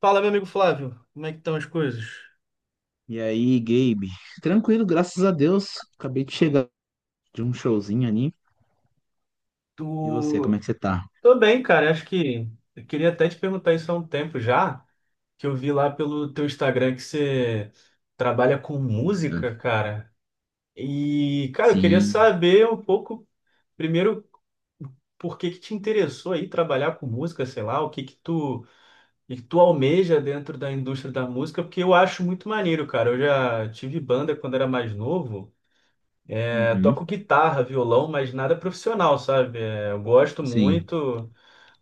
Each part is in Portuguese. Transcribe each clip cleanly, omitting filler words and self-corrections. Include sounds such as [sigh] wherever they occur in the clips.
Fala, meu amigo Flávio, como é que estão as coisas? E aí, Gabe? Tranquilo, graças a Deus. Acabei de chegar de um showzinho ali. E você, como é Tu... que você tá? Tô bem, cara. Acho que eu queria até te perguntar isso há um tempo já, que eu vi lá pelo teu Instagram que você trabalha com Amiga. música, cara. E, cara, eu queria Sim. saber um pouco, primeiro, por que que te interessou aí trabalhar com música, sei lá, o que que tu almeja dentro da indústria da música, porque eu acho muito maneiro, cara. Eu já tive banda quando era mais novo. É, Uhum. toco guitarra, violão, mas nada profissional, sabe? É, eu gosto Sim. muito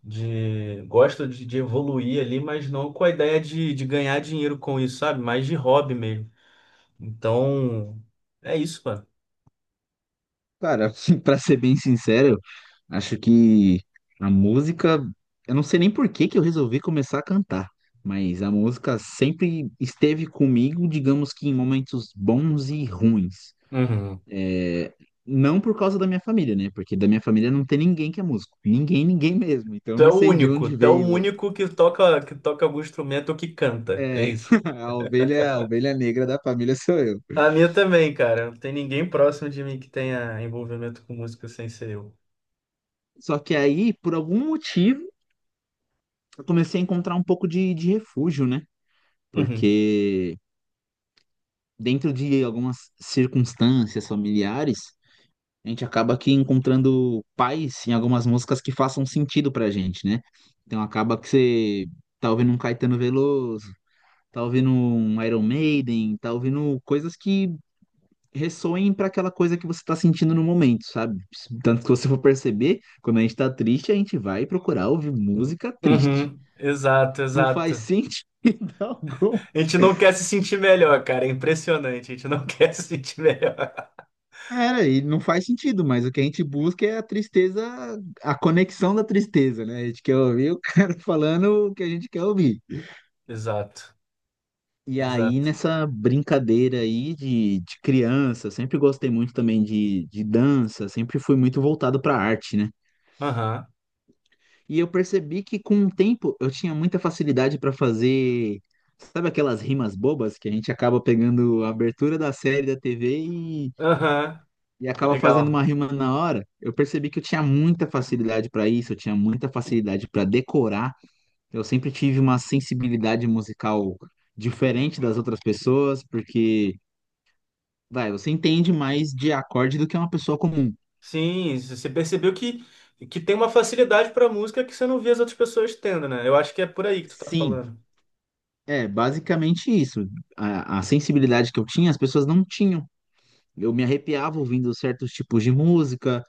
de, gosto de, de evoluir ali, mas não com a ideia de ganhar dinheiro com isso, sabe? Mais de hobby mesmo. Então, é isso, mano. Cara, [laughs] pra ser bem sincero, acho que a música, eu não sei nem por que que eu resolvi começar a cantar, mas a música sempre esteve comigo, digamos que em momentos bons e ruins. Uhum. É, não por causa da minha família, né? Porque da minha família não tem ninguém que é músico. Ninguém, ninguém mesmo. Então eu Tu é não o sei de único, onde tu é o veio. único que toca algum instrumento ou que canta, é É, isso. [laughs] A ovelha negra da família sou eu. A minha também, cara. Não tem ninguém próximo de mim que tenha envolvimento com música sem ser eu. Só que aí, por algum motivo, eu comecei a encontrar um pouco de refúgio, né? Uhum. Porque dentro de algumas circunstâncias familiares, a gente acaba aqui encontrando pais em algumas músicas que façam sentido pra gente, né? Então acaba que você tá ouvindo um Caetano Veloso, tá ouvindo um Iron Maiden, tá ouvindo coisas que ressoem para aquela coisa que você está sentindo no momento, sabe? Tanto que você for perceber, quando a gente está triste, a gente vai procurar ouvir música triste. Uhum. Exato, Não faz exato. sentido [laughs] algum. A gente não quer se sentir melhor, cara. É impressionante. A gente não [laughs] quer se sentir melhor. Cara, e não faz sentido, mas o que a gente busca é a tristeza, a conexão da tristeza, né? A gente quer ouvir o [laughs] cara falando o que a gente quer ouvir. Exato. E aí, Exato. nessa brincadeira aí de criança, sempre gostei muito também de dança, sempre fui muito voltado para arte, né? Aham. E eu percebi que com o tempo eu tinha muita facilidade para fazer, sabe aquelas rimas bobas que a gente acaba pegando a abertura da série da TV Aham. e acaba fazendo Legal. uma rima na hora? Eu percebi que eu tinha muita facilidade para isso, eu tinha muita facilidade para decorar. Eu sempre tive uma sensibilidade musical diferente das outras pessoas, porque, vai, você entende mais de acorde do que uma pessoa comum. Sim, você percebeu que tem uma facilidade pra música que você não vê as outras pessoas tendo, né? Eu acho que é por aí que tu tá Sim, falando. é basicamente isso. A sensibilidade que eu tinha, as pessoas não tinham. Eu me arrepiava ouvindo certos tipos de música,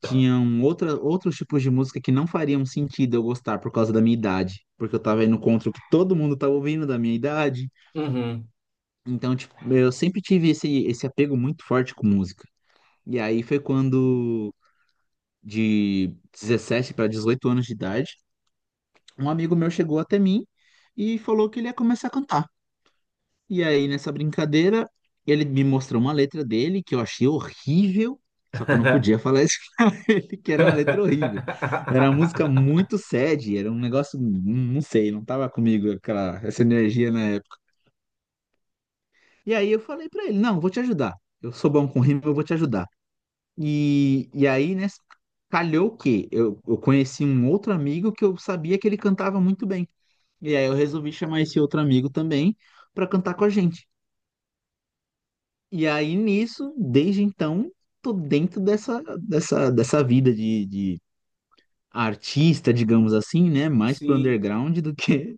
tinham outra, outros tipos de música que não fariam sentido eu gostar por causa da minha idade, porque eu tava indo contra o que todo mundo tava ouvindo da minha idade. Uhum. Então, tipo, eu sempre tive esse apego muito forte com música. E aí foi quando, de 17 para 18 anos de idade, um amigo meu chegou até mim e falou que ele ia começar a cantar. E aí, nessa brincadeira, ele me mostrou uma letra dele que eu achei horrível, só que eu não podia falar [laughs] que era uma letra horrível. Era uma música [laughs] muito sad, era um negócio, não sei, não tava comigo aquela, essa energia na época. E aí eu falei pra ele, não, vou te ajudar. Eu sou bom com rima, eu vou te ajudar. E aí, né, calhou que eu conheci um outro amigo que eu sabia que ele cantava muito bem. E aí eu resolvi chamar esse outro amigo também pra cantar com a gente. E aí nisso, desde então, tô dentro dessa, dessa, dessa vida de artista, digamos assim, né? Mais pro Sim. underground do que.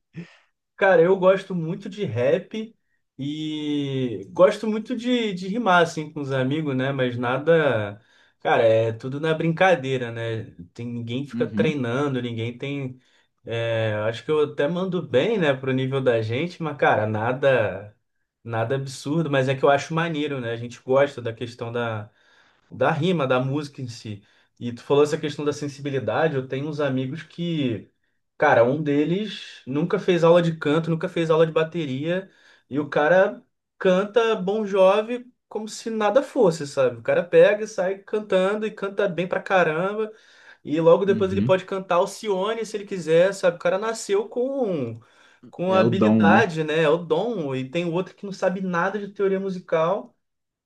Cara, eu gosto muito de rap e gosto muito de rimar, assim, com os amigos, né? Mas nada. Cara, é tudo na brincadeira, né? Tem, ninguém fica Uhum, treinando, ninguém tem. É, acho que eu até mando bem, né, pro nível da gente, mas, cara, nada. Nada absurdo, mas é que eu acho maneiro, né? A gente gosta da questão da rima, da música em si. E tu falou essa questão da sensibilidade, eu tenho uns amigos que. Cara, um deles nunca fez aula de canto, nunca fez aula de bateria, e o cara canta Bon Jovi como se nada fosse, sabe? O cara pega e sai cantando e canta bem pra caramba, e logo depois ele uhum. pode cantar Alcione se ele quiser, sabe? O cara nasceu com É o dom, né? habilidade, né? É o dom, e tem outro que não sabe nada de teoria musical.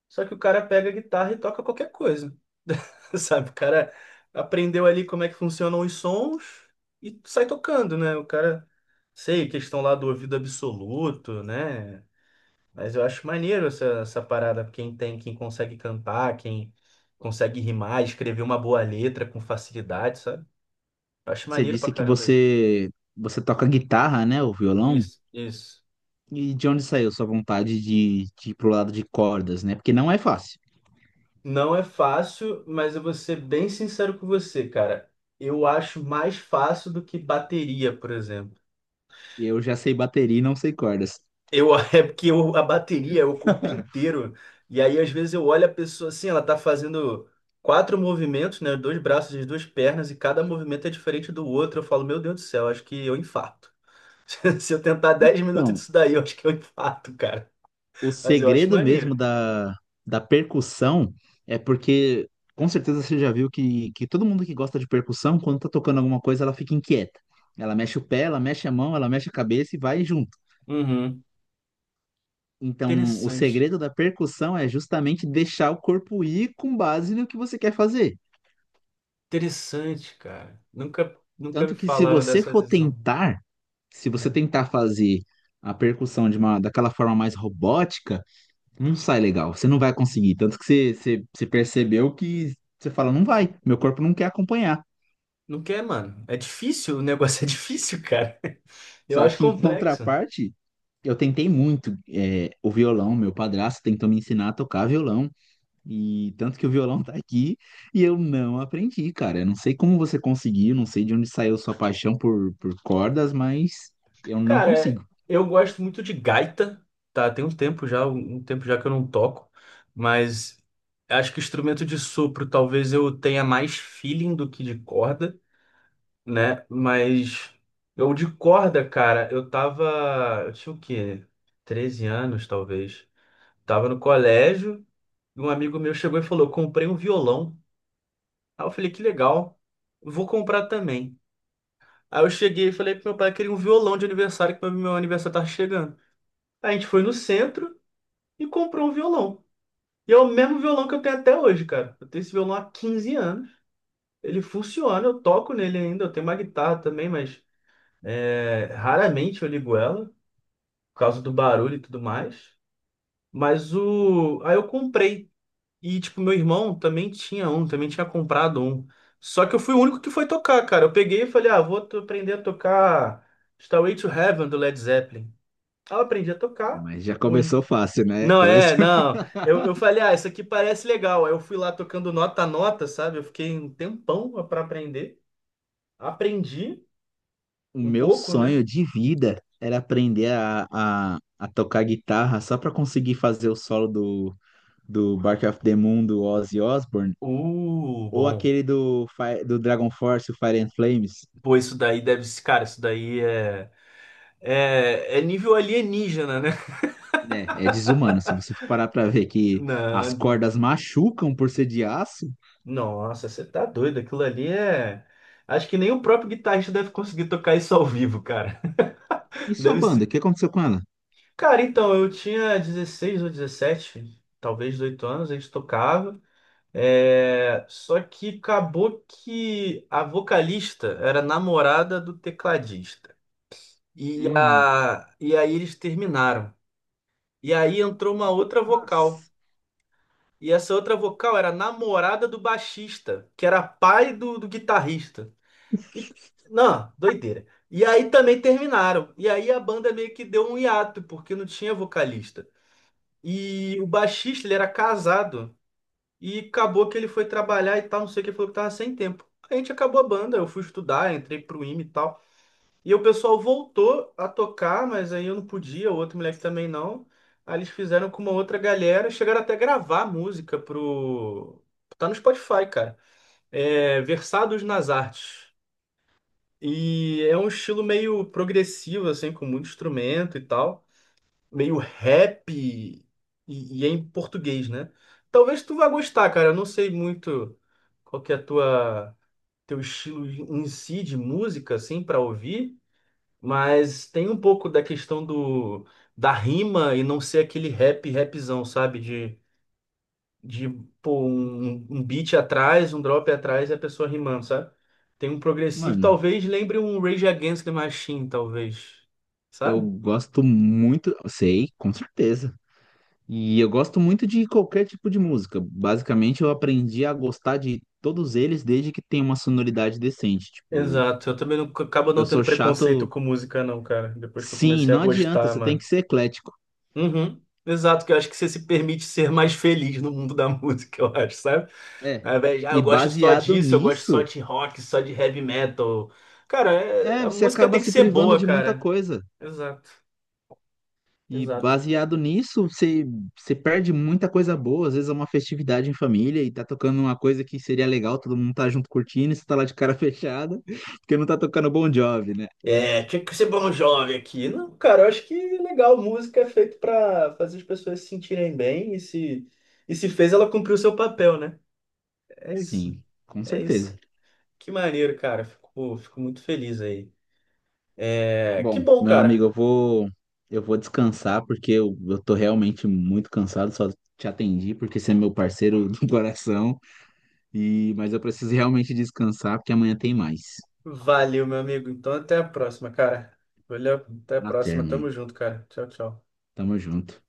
Só que o cara pega a guitarra e toca qualquer coisa. [laughs] Sabe? O cara aprendeu ali como é que funcionam os sons e sai tocando, né? O cara, sei, questão lá do ouvido absoluto, né? Mas eu acho maneiro essa parada. Quem consegue cantar, quem consegue rimar, escrever uma boa letra com facilidade, sabe? Eu acho Você maneiro pra disse que caramba isso. você toca guitarra, né? O violão. Isso, isso. E de onde saiu sua vontade de ir pro lado de cordas, né? Porque não é fácil. Não é fácil, mas eu vou ser bem sincero com você, cara. Eu acho mais fácil do que bateria, por exemplo. Eu já sei bateria e não sei cordas. [laughs] É porque a bateria é o corpo inteiro. E aí, às vezes, eu olho a pessoa assim, ela tá fazendo quatro movimentos, né? Dois braços e duas pernas, e cada movimento é diferente do outro. Eu falo, meu Deus do céu, acho que eu infarto. [laughs] Se eu tentar 10 minutos Então, disso daí, eu acho que eu infarto, cara. o Mas eu acho segredo maneiro. mesmo da, da percussão é porque, com certeza, você já viu que todo mundo que gosta de percussão, quando tá tocando alguma coisa, ela fica inquieta. Ela mexe o pé, ela mexe a mão, ela mexe a cabeça e vai junto. Uhum. Então, o Interessante. segredo da percussão é justamente deixar o corpo ir com base no que você quer fazer. Interessante, cara. Nunca me Tanto que se falaram você dessa for visão. tentar, se você Hum. tentar fazer a percussão de uma, daquela forma mais robótica, não sai legal, você não vai conseguir. Tanto que você percebeu que você fala, não vai, meu corpo não quer acompanhar. Não quer, mano. É difícil, o negócio [laughs] é difícil, cara. Eu Só acho que em [laughs] complexo. contraparte, eu tentei muito, é, o violão, meu padrasto tentou me ensinar a tocar violão. E tanto que o violão tá aqui e eu não aprendi, cara. Eu não sei como você conseguiu, não sei de onde saiu sua paixão por cordas, mas eu não Cara, consigo. eu gosto muito de gaita, tá? Tem um tempo já, um tempo já que eu não toco, mas acho que instrumento de sopro talvez eu tenha mais feeling do que de corda, né? Mas eu de corda, cara, eu tinha o quê? 13 anos, talvez. Tava no colégio. Um amigo meu chegou e falou: comprei um violão. Aí eu falei: que legal, vou comprar também. Aí eu cheguei e falei pro meu pai: queria um violão de aniversário, que meu aniversário tá chegando. Aí a gente foi no centro e comprou um violão. E é o mesmo violão que eu tenho até hoje, cara. Eu tenho esse violão há 15 anos. Ele funciona, eu toco nele ainda. Eu tenho uma guitarra também, mas raramente eu ligo ela, por causa do barulho e tudo mais. Mas o. Aí eu comprei. E, tipo, meu irmão também tinha comprado um. Só que eu fui o único que foi tocar, cara. Eu peguei e falei, ah, vou aprender a tocar Stairway to Heaven do Led Zeppelin. Aí eu aprendi a tocar. Mas já Ui. começou fácil, né? Não, Começou. [laughs] não. Eu falei, ah, isso aqui parece legal. Aí eu fui lá tocando nota a nota, sabe? Eu fiquei um tempão pra aprender. Aprendi O um meu pouco, né? sonho de vida era aprender a tocar guitarra só pra conseguir fazer o solo do, do Bark of the Moon do Ozzy Osbourne ou Bom. aquele do, Fi- do Dragon Force, o Fire and Flames. Pô, isso daí deve ser, cara, isso daí é nível alienígena, né? Né, é desumano. Se você for parar pra ver [laughs] que as Não. cordas machucam por ser de aço. Nossa, você tá doido. Aquilo ali é. Acho que nem o próprio guitarrista deve conseguir tocar isso ao vivo, cara. E [laughs] sua Deve banda? O ser. que aconteceu com ela? Cara, então, eu tinha 16 ou 17, talvez 18 anos, a gente tocava. Só que acabou que a vocalista era namorada do tecladista. E, Hum, a... e aí eles terminaram. E aí entrou uma outra vocal. as- E essa outra vocal era namorada do baixista, que era pai do guitarrista. E, não, doideira. E aí também terminaram. E aí a banda meio que deu um hiato, porque não tinha vocalista. E o baixista, ele era casado. E acabou que ele foi trabalhar e tal, não sei o que, ele falou que tava sem tempo. A gente acabou a banda, eu fui estudar, entrei pro IME e tal. E o pessoal voltou a tocar, mas aí eu não podia, o outro moleque também não. Aí eles fizeram com uma outra galera, chegaram até a gravar música pro... Tá no Spotify, cara. É, Versados nas Artes. E é um estilo meio progressivo, assim, com muito instrumento e tal. Meio rap e é em português, né? Talvez tu vá gostar, cara. Eu não sei muito qual que é teu estilo em si de música, assim, para ouvir. Mas tem um pouco da questão da rima e não ser aquele rap, rapzão, sabe? De pô, um beat atrás, um drop atrás e a pessoa rimando, sabe? Tem um progressivo, mano, talvez lembre um Rage Against the Machine, talvez, eu sabe? gosto muito, sei, com certeza. E eu gosto muito de qualquer tipo de música. Basicamente, eu aprendi a gostar de todos eles desde que tenha uma sonoridade decente. Tipo, Exato, eu também não, acabo não eu tendo sou preconceito chato, com música, não, cara. Depois que eu sim, comecei a não adianta, gostar, você tem mano. que ser eclético. Uhum. Exato, que eu acho que você se permite ser mais feliz no mundo da [laughs] música, eu acho, sabe? É. Ao invés de, ah, eu E gosto só baseado disso, eu gosto só nisso, de rock, só de heavy metal. Cara, é, a você música acaba tem que se ser privando boa, de muita cara. coisa. Exato, E exato. baseado nisso, você, você perde muita coisa boa. Às vezes é uma festividade em família e tá tocando uma coisa que seria legal, todo mundo tá junto curtindo, e você tá lá de cara [laughs] fechada, porque não tá tocando Bon Jovi, né? É, tinha que ser bom jovem aqui. Não, cara, eu acho que é legal. Música é feito pra fazer as pessoas se sentirem bem e se fez, ela cumpriu o seu papel, né? É isso, Sim, com é isso. certeza. Que maneiro, cara. Fico muito feliz aí. É, que Bom, bom, meu amigo, cara. eu vou descansar porque eu tô realmente muito cansado, só te atendi porque você é meu parceiro do [laughs] coração e mas eu preciso realmente descansar porque amanhã tem mais. Valeu, meu amigo. Então, até a próxima, cara. Valeu, até a Na próxima. termo. Tamo junto, cara. Tchau, tchau. Tamo junto.